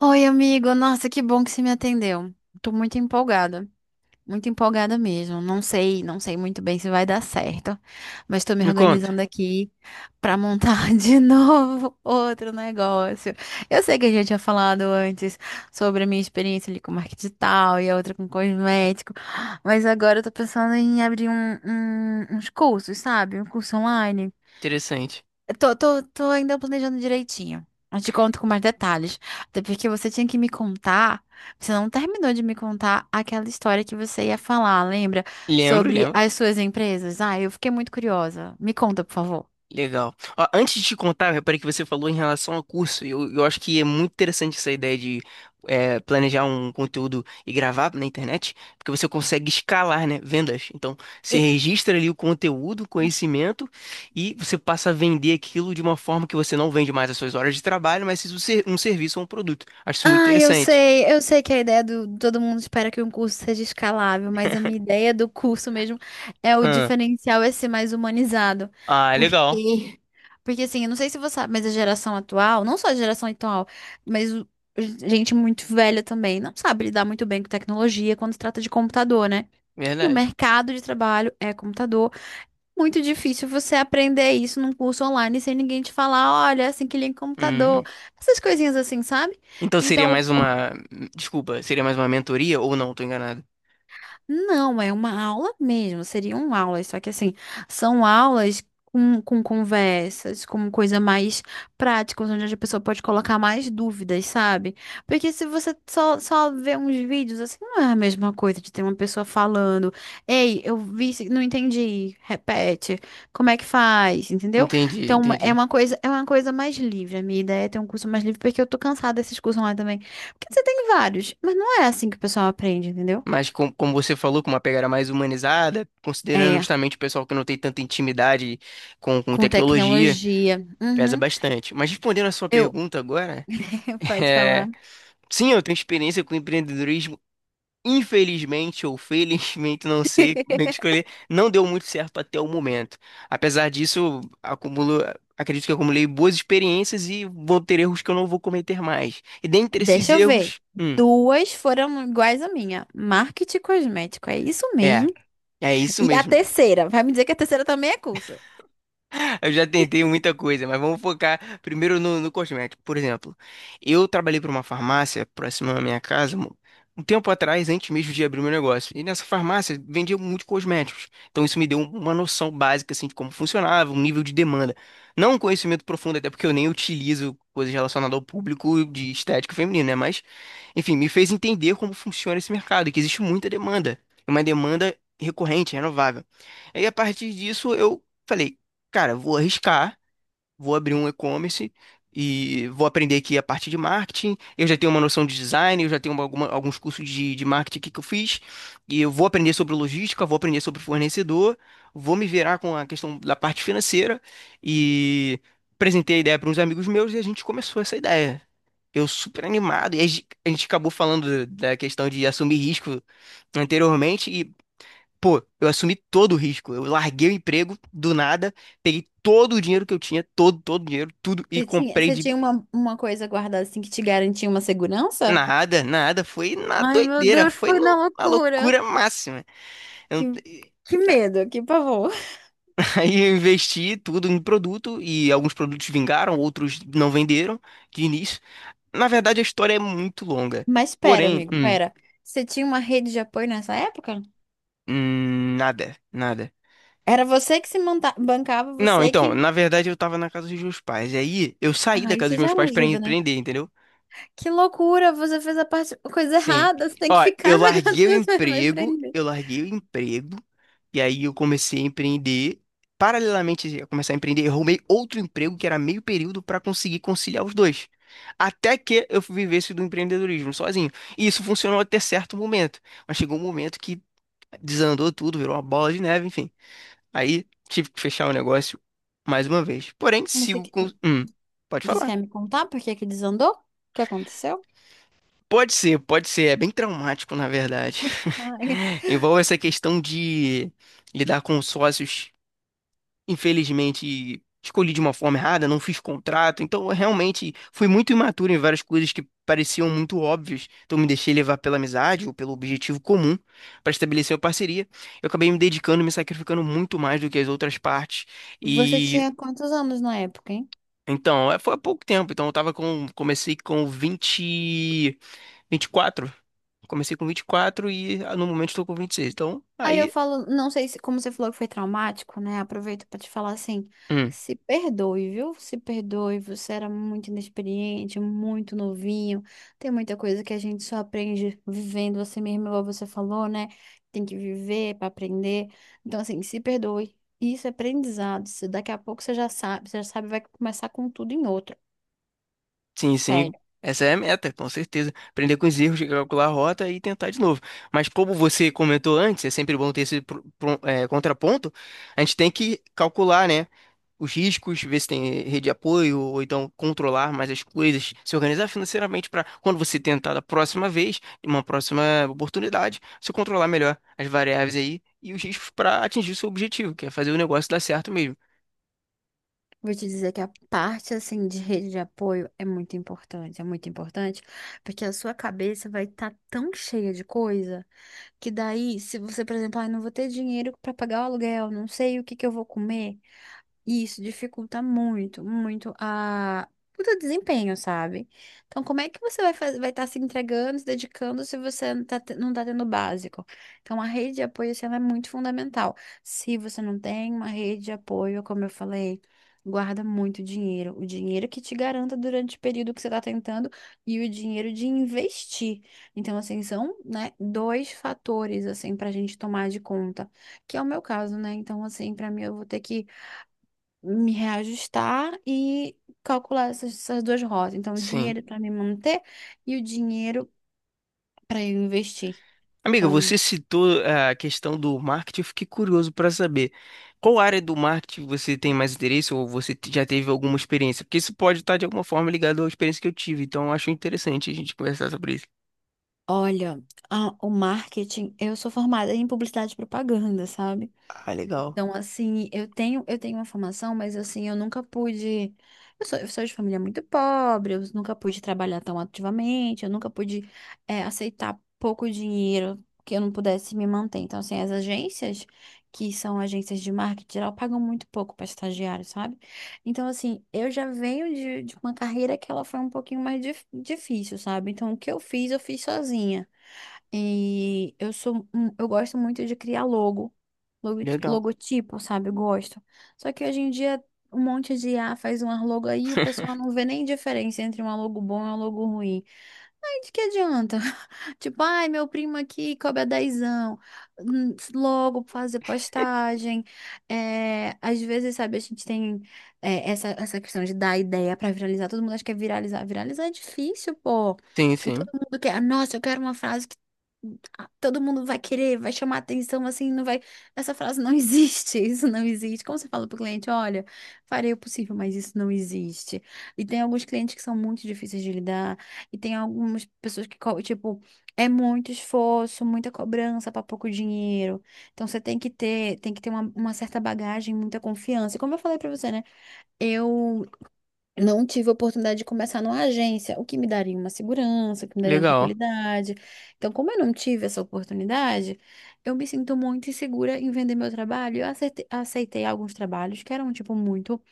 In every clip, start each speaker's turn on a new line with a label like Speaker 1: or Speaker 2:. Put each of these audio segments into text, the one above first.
Speaker 1: Oi, amigo. Nossa, que bom que você me atendeu. Tô muito empolgada. Muito empolgada mesmo. Não sei, não sei muito bem se vai dar certo, mas tô me
Speaker 2: Me conta.
Speaker 1: organizando aqui pra montar de novo outro negócio. Eu sei que a gente tinha falado antes sobre a minha experiência ali com marketing digital e a outra com cosmético, mas agora eu tô pensando em abrir uns cursos, sabe? Um curso online.
Speaker 2: Interessante.
Speaker 1: Tô ainda planejando direitinho. Eu te conto com mais detalhes. Até porque você tinha que me contar. Você não terminou de me contar aquela história que você ia falar, lembra?
Speaker 2: Lembro,
Speaker 1: Sobre
Speaker 2: lembro.
Speaker 1: as suas empresas. Ah, eu fiquei muito curiosa. Me conta, por favor.
Speaker 2: Legal. Ó, antes de te contar, eu reparei que você falou em relação a curso. Eu acho que é muito interessante essa ideia de planejar um conteúdo e gravar na internet, porque você consegue escalar, né? Vendas. Então, você registra ali o conteúdo, o conhecimento, e você passa a vender aquilo de uma forma que você não vende mais as suas horas de trabalho, mas isso ser um serviço ou um produto. Acho isso muito
Speaker 1: Ah,
Speaker 2: interessante.
Speaker 1: eu sei que a ideia do todo mundo espera que um curso seja escalável, mas a minha ideia do curso mesmo é o
Speaker 2: Ah,
Speaker 1: diferencial é ser mais humanizado.
Speaker 2: ah, legal.
Speaker 1: Porque, porque assim, eu não sei se você sabe, mas a geração atual, não só a geração atual, mas o- gente muito velha também, não sabe lidar muito bem com tecnologia quando se trata de computador, né? E o
Speaker 2: Verdade.
Speaker 1: mercado de trabalho é computador. Muito difícil você aprender isso num curso online sem ninguém te falar, olha, é assim que liga o computador, essas coisinhas assim, sabe?
Speaker 2: Então seria
Speaker 1: Então,
Speaker 2: mais uma. Desculpa, seria mais uma mentoria ou não? Tô enganado.
Speaker 1: não, é uma aula mesmo, seriam aulas, só que assim, são aulas com conversas, com coisa mais prática, onde a pessoa pode colocar mais dúvidas, sabe? Porque se você só vê uns vídeos, assim, não é a mesma coisa de ter uma pessoa falando, ei, não entendi, repete, como é que faz, entendeu?
Speaker 2: Entendi,
Speaker 1: Então,
Speaker 2: entendi.
Speaker 1: é uma coisa mais livre, a minha ideia é ter um curso mais livre, porque eu tô cansada desses cursos lá também, porque você tem vários, mas não é assim que o pessoal aprende, entendeu?
Speaker 2: Mas como você falou, com uma pegada mais humanizada, considerando
Speaker 1: É.
Speaker 2: justamente o pessoal que não tem tanta intimidade com
Speaker 1: Com
Speaker 2: tecnologia,
Speaker 1: tecnologia.
Speaker 2: pesa
Speaker 1: Uhum.
Speaker 2: bastante. Mas respondendo a sua
Speaker 1: Eu,
Speaker 2: pergunta agora,
Speaker 1: pode
Speaker 2: é,
Speaker 1: falar.
Speaker 2: sim, eu tenho experiência com empreendedorismo. Infelizmente ou felizmente, não sei como é que escolher, não deu muito certo até o momento. Apesar disso, acumulo, acredito que acumulei boas experiências e vou ter erros que eu não vou cometer mais. E dentre esses
Speaker 1: Deixa eu ver.
Speaker 2: erros,
Speaker 1: Duas foram iguais à minha. Marketing cosmético, é isso
Speaker 2: é,
Speaker 1: mesmo.
Speaker 2: é isso
Speaker 1: E a
Speaker 2: mesmo.
Speaker 1: terceira, vai me dizer que a terceira também é curso.
Speaker 2: Eu já tentei muita coisa, mas vamos focar primeiro no cosmético. Por exemplo, eu trabalhei para uma farmácia próxima à minha casa um tempo atrás, antes mesmo de abrir meu negócio. E nessa farmácia vendia muitos cosméticos. Então isso me deu uma noção básica assim, de como funcionava, um nível de demanda. Não um conhecimento profundo, até porque eu nem utilizo coisas relacionadas ao público de estética feminina, né? Mas, enfim, me fez entender como funciona esse mercado, e que existe muita demanda. Uma demanda recorrente, renovável. Aí, a partir disso, eu falei cara, vou arriscar, vou abrir um e-commerce e vou aprender aqui a parte de marketing. Eu já tenho uma noção de design, eu já tenho alguns cursos de marketing aqui que eu fiz. E eu vou aprender sobre logística, vou aprender sobre fornecedor, vou me virar com a questão da parte financeira e apresentei a ideia para uns amigos meus e a gente começou essa ideia. Eu super animado, e a gente acabou falando da questão de assumir risco anteriormente. Pô, eu assumi todo o risco. Eu larguei o emprego do nada, peguei todo o dinheiro que eu tinha, todo, todo o dinheiro, tudo, e comprei
Speaker 1: Você
Speaker 2: de
Speaker 1: tinha uma coisa guardada assim que te garantia uma segurança?
Speaker 2: nada, nada. Foi na
Speaker 1: Ai, meu
Speaker 2: doideira,
Speaker 1: Deus,
Speaker 2: foi
Speaker 1: foi na
Speaker 2: na
Speaker 1: loucura.
Speaker 2: loucura máxima. Eu
Speaker 1: Que,
Speaker 2: não-
Speaker 1: que medo, que pavor.
Speaker 2: Aí eu investi tudo em produto e alguns produtos vingaram, outros não venderam de início. Na verdade, a história é muito longa.
Speaker 1: Mas pera,
Speaker 2: Porém,
Speaker 1: amigo, pera. Você tinha uma rede de apoio nessa época?
Speaker 2: nada, nada.
Speaker 1: Era você que se monta bancava,
Speaker 2: Não,
Speaker 1: você
Speaker 2: então,
Speaker 1: que.
Speaker 2: na verdade eu tava na casa dos meus pais. E aí eu saí da
Speaker 1: Ah,
Speaker 2: casa
Speaker 1: isso
Speaker 2: dos
Speaker 1: já é
Speaker 2: meus
Speaker 1: uma
Speaker 2: pais pra
Speaker 1: ajuda, né?
Speaker 2: empreender, entendeu?
Speaker 1: Que loucura, você fez a parte, a coisa
Speaker 2: Sim.
Speaker 1: errada, você tem
Speaker 2: Ó,
Speaker 1: que ficar na gatinha, vai prender.
Speaker 2: eu larguei o emprego, e aí eu comecei a empreender. Paralelamente a começar a empreender, eu arrumei outro emprego que era meio período para conseguir conciliar os dois. Até que eu vivesse do empreendedorismo sozinho. E isso funcionou até certo momento. Mas chegou um momento que desandou tudo, virou uma bola de neve, enfim. Aí tive que fechar o negócio mais uma vez. Porém,
Speaker 1: Mas você,
Speaker 2: sigo
Speaker 1: que-
Speaker 2: com. Pode
Speaker 1: você
Speaker 2: falar.
Speaker 1: quer me contar por que que desandou? O que aconteceu?
Speaker 2: Pode ser, pode ser. É bem traumático, na verdade.
Speaker 1: Ah, é.
Speaker 2: Envolve essa questão de lidar com os sócios. Infelizmente, escolhi de uma forma errada, não fiz contrato. Então, eu realmente fui muito imaturo em várias coisas que pareciam muito óbvias. Então, me deixei levar pela amizade ou pelo objetivo comum para estabelecer uma parceria. Eu acabei me dedicando, me sacrificando muito mais do que as outras partes.
Speaker 1: Você
Speaker 2: E.
Speaker 1: tinha quantos anos na época, hein?
Speaker 2: Então, foi há pouco tempo. Então, eu tava com. Comecei com 20, 24. Comecei com 24 e no momento estou com 26. Então,
Speaker 1: Aí eu
Speaker 2: aí,
Speaker 1: falo, não sei se, como você falou que foi traumático, né? Aproveito pra te falar assim,
Speaker 2: hum,
Speaker 1: se perdoe, viu? Se perdoe, você era muito inexperiente, muito novinho. Tem muita coisa que a gente só aprende vivendo você mesmo, igual você falou, né? Tem que viver pra aprender. Então, assim, se perdoe. Isso é aprendizado. Se daqui a pouco você já sabe, vai começar com tudo em outro.
Speaker 2: sim, sim,
Speaker 1: Sério.
Speaker 2: essa é a meta, com certeza. Aprender com os erros, calcular a rota e tentar de novo. Mas como você comentou antes, é sempre bom ter esse contraponto, a gente tem que calcular, né? Os riscos, ver se tem rede de apoio, ou então controlar mais as coisas, se organizar financeiramente para quando você tentar da próxima vez, em uma próxima oportunidade, você controlar melhor as variáveis aí e os riscos para atingir o seu objetivo, que é fazer o negócio dar certo mesmo.
Speaker 1: Vou te dizer que a parte assim de rede de apoio é muito importante, porque a sua cabeça vai estar tão cheia de coisa que daí, se você, por exemplo, ah, não vou ter dinheiro para pagar o aluguel, não sei o que que eu vou comer, e isso dificulta muito, muito a... o teu desempenho, sabe? Então, como é que você vai fazer, vai estar se entregando, se dedicando se você não tá, não tá tendo o básico? Então, a rede de apoio, assim, ela é muito fundamental. Se você não tem uma rede de apoio, como eu falei, guarda muito dinheiro. O dinheiro que te garanta durante o período que você está tentando e o dinheiro de investir. Então, assim, são, né, dois fatores, assim, pra gente tomar de conta. Que é o meu caso, né? Então, assim, pra mim, eu vou ter que me reajustar e calcular essas, essas duas rotas. Então, o
Speaker 2: Sim.
Speaker 1: dinheiro para me manter e o dinheiro para eu investir.
Speaker 2: Amiga,
Speaker 1: Então,
Speaker 2: você citou a questão do marketing, eu fiquei curioso para saber qual área do marketing você tem mais interesse ou você já teve alguma experiência? Porque isso pode estar de alguma forma ligado à experiência que eu tive, então eu acho interessante a gente conversar sobre isso.
Speaker 1: olha, o marketing, eu sou formada em publicidade e propaganda, sabe?
Speaker 2: Ah, legal,
Speaker 1: Então, assim, eu tenho uma formação, mas assim, eu nunca pude. Eu sou de família muito pobre, eu nunca pude trabalhar tão ativamente, eu nunca pude, é, aceitar pouco dinheiro que eu não pudesse me manter. Então, assim, as agências, que são agências de marketing geral, pagam muito pouco para estagiário, sabe? Então, assim, eu já venho de uma carreira que ela foi um pouquinho mais difícil, sabe? Então, o que eu fiz sozinha. E eu sou, eu gosto muito de criar logo, logo-
Speaker 2: legal.
Speaker 1: logotipo, sabe? Eu gosto. Só que hoje em dia um monte de IA faz um logo aí e o pessoal não vê nem diferença entre um logo bom e um logo ruim. Ai, de que adianta? Tipo, ai, meu primo aqui cobra dezão. Logo fazer postagem. É, às vezes, sabe, a gente tem é, essa questão de dar ideia pra viralizar. Todo mundo acha que é viralizar. Viralizar é difícil, pô.
Speaker 2: Sim,
Speaker 1: E todo
Speaker 2: sim,
Speaker 1: mundo quer. Nossa, eu quero uma frase que ah, todo mundo vai querer, vai chamar atenção, assim, não vai. Essa frase não existe, isso não existe. Como você fala pro cliente, olha, farei o possível, mas isso não existe. E tem alguns clientes que são muito difíceis de lidar. E tem algumas pessoas que, tipo, é muito esforço, muita cobrança para pouco dinheiro. Então você tem que ter uma certa bagagem, muita confiança. E como eu falei para você, né? Eu não tive a oportunidade de começar numa agência, o que me daria uma segurança, o que me daria uma
Speaker 2: legal,
Speaker 1: tranquilidade. Então, como eu não tive essa oportunidade, eu me sinto muito insegura em vender meu trabalho. Eu aceitei, aceitei alguns trabalhos que eram, tipo, muito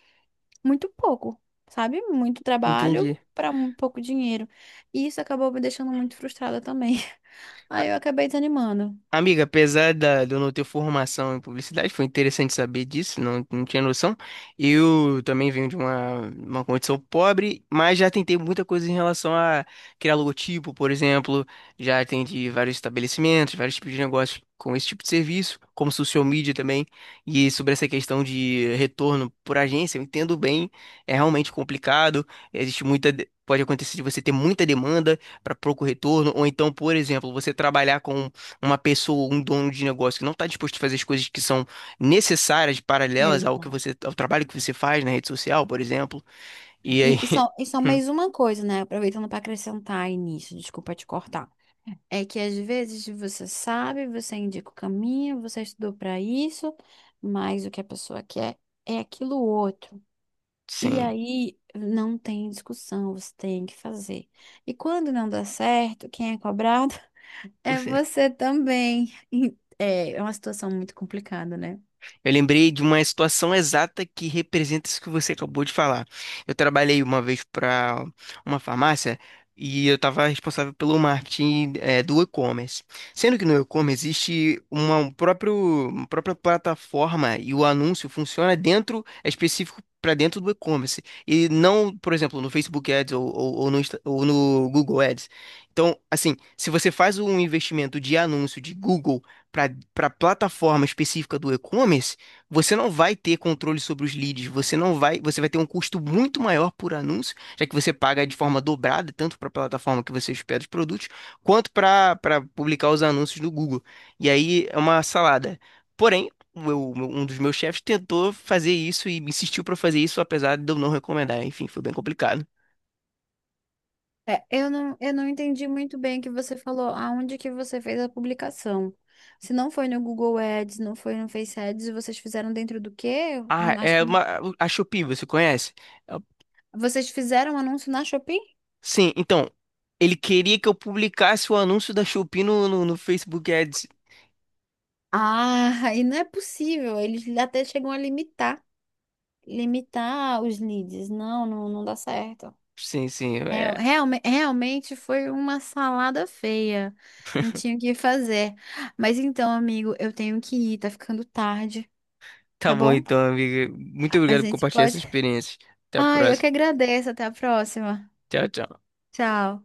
Speaker 1: muito pouco, sabe? Muito trabalho
Speaker 2: entendi.
Speaker 1: para um pouco dinheiro. E isso acabou me deixando muito frustrada também. Aí eu acabei desanimando.
Speaker 2: Amiga, apesar da, de eu não ter formação em publicidade, foi interessante saber disso, não, não tinha noção. Eu também venho de uma condição pobre, mas já tentei muita coisa em relação a criar logotipo, por exemplo. Já atendi vários estabelecimentos, vários tipos de negócios com esse tipo de serviço, como social media também. E sobre essa questão de retorno por agência, eu entendo bem, é realmente complicado, existe muita. Pode acontecer de você ter muita demanda para pouco retorno, ou então, por exemplo, você trabalhar com uma pessoa, um dono de negócio que não está disposto a fazer as coisas que são necessárias, paralelas ao que
Speaker 1: Exato.
Speaker 2: você, ao trabalho que você faz na rede social, por exemplo. E aí,
Speaker 1: E só mais uma coisa, né? Aproveitando para acrescentar aí nisso, desculpa te cortar. É que às vezes você sabe, você indica o caminho, você estudou para isso, mas o que a pessoa quer é aquilo outro. E
Speaker 2: sim,
Speaker 1: aí não tem discussão, você tem que fazer. E quando não dá certo, quem é cobrado? É
Speaker 2: você.
Speaker 1: você também. E, é, é uma situação muito complicada, né?
Speaker 2: Eu lembrei de uma situação exata que representa isso que você acabou de falar. Eu trabalhei uma vez para uma farmácia e eu estava responsável pelo marketing, do e-commerce. Sendo que no e-commerce existe uma, um próprio, uma própria plataforma e o anúncio funciona dentro, é específico para dentro do e-commerce. E não, por exemplo, no Facebook Ads ou no, ou no Google Ads. Então, assim, se você faz um investimento de anúncio de Google para plataforma específica do e-commerce, você não vai ter controle sobre os leads, você não vai, você vai ter um custo muito maior por anúncio, já que você paga de forma dobrada, tanto para a plataforma que você hospeda os produtos, quanto para publicar os anúncios do Google. E aí é uma salada. Porém, um dos meus chefes tentou fazer isso e insistiu para fazer isso, apesar de eu não recomendar. Enfim, foi bem complicado.
Speaker 1: É, eu não entendi muito bem o que você falou, aonde que você fez a publicação. Se não foi no Google Ads, não foi no Face Ads, vocês fizeram dentro do quê?
Speaker 2: Ah,
Speaker 1: Nas-
Speaker 2: é uma, a Shopee, você conhece? É-
Speaker 1: vocês fizeram um anúncio na Shopee?
Speaker 2: Sim, então, ele queria que eu publicasse o anúncio da Shopee no Facebook Ads.
Speaker 1: Ah, e não é possível. Eles até chegam a limitar, limitar os leads. Não, não, não dá certo.
Speaker 2: Sim, sim.
Speaker 1: É,
Speaker 2: é,
Speaker 1: realmente foi uma salada feia. Não tinha o que fazer. Mas então, amigo, eu tenho que ir, tá ficando tarde,
Speaker 2: Tá
Speaker 1: tá
Speaker 2: bom
Speaker 1: bom?
Speaker 2: então, amiga. Muito
Speaker 1: A a
Speaker 2: obrigado por
Speaker 1: gente
Speaker 2: compartilhar essa
Speaker 1: pode.
Speaker 2: experiência. Até a
Speaker 1: Ai, eu
Speaker 2: próxima.
Speaker 1: que agradeço. Até a próxima.
Speaker 2: Tchau, tchau.
Speaker 1: Tchau.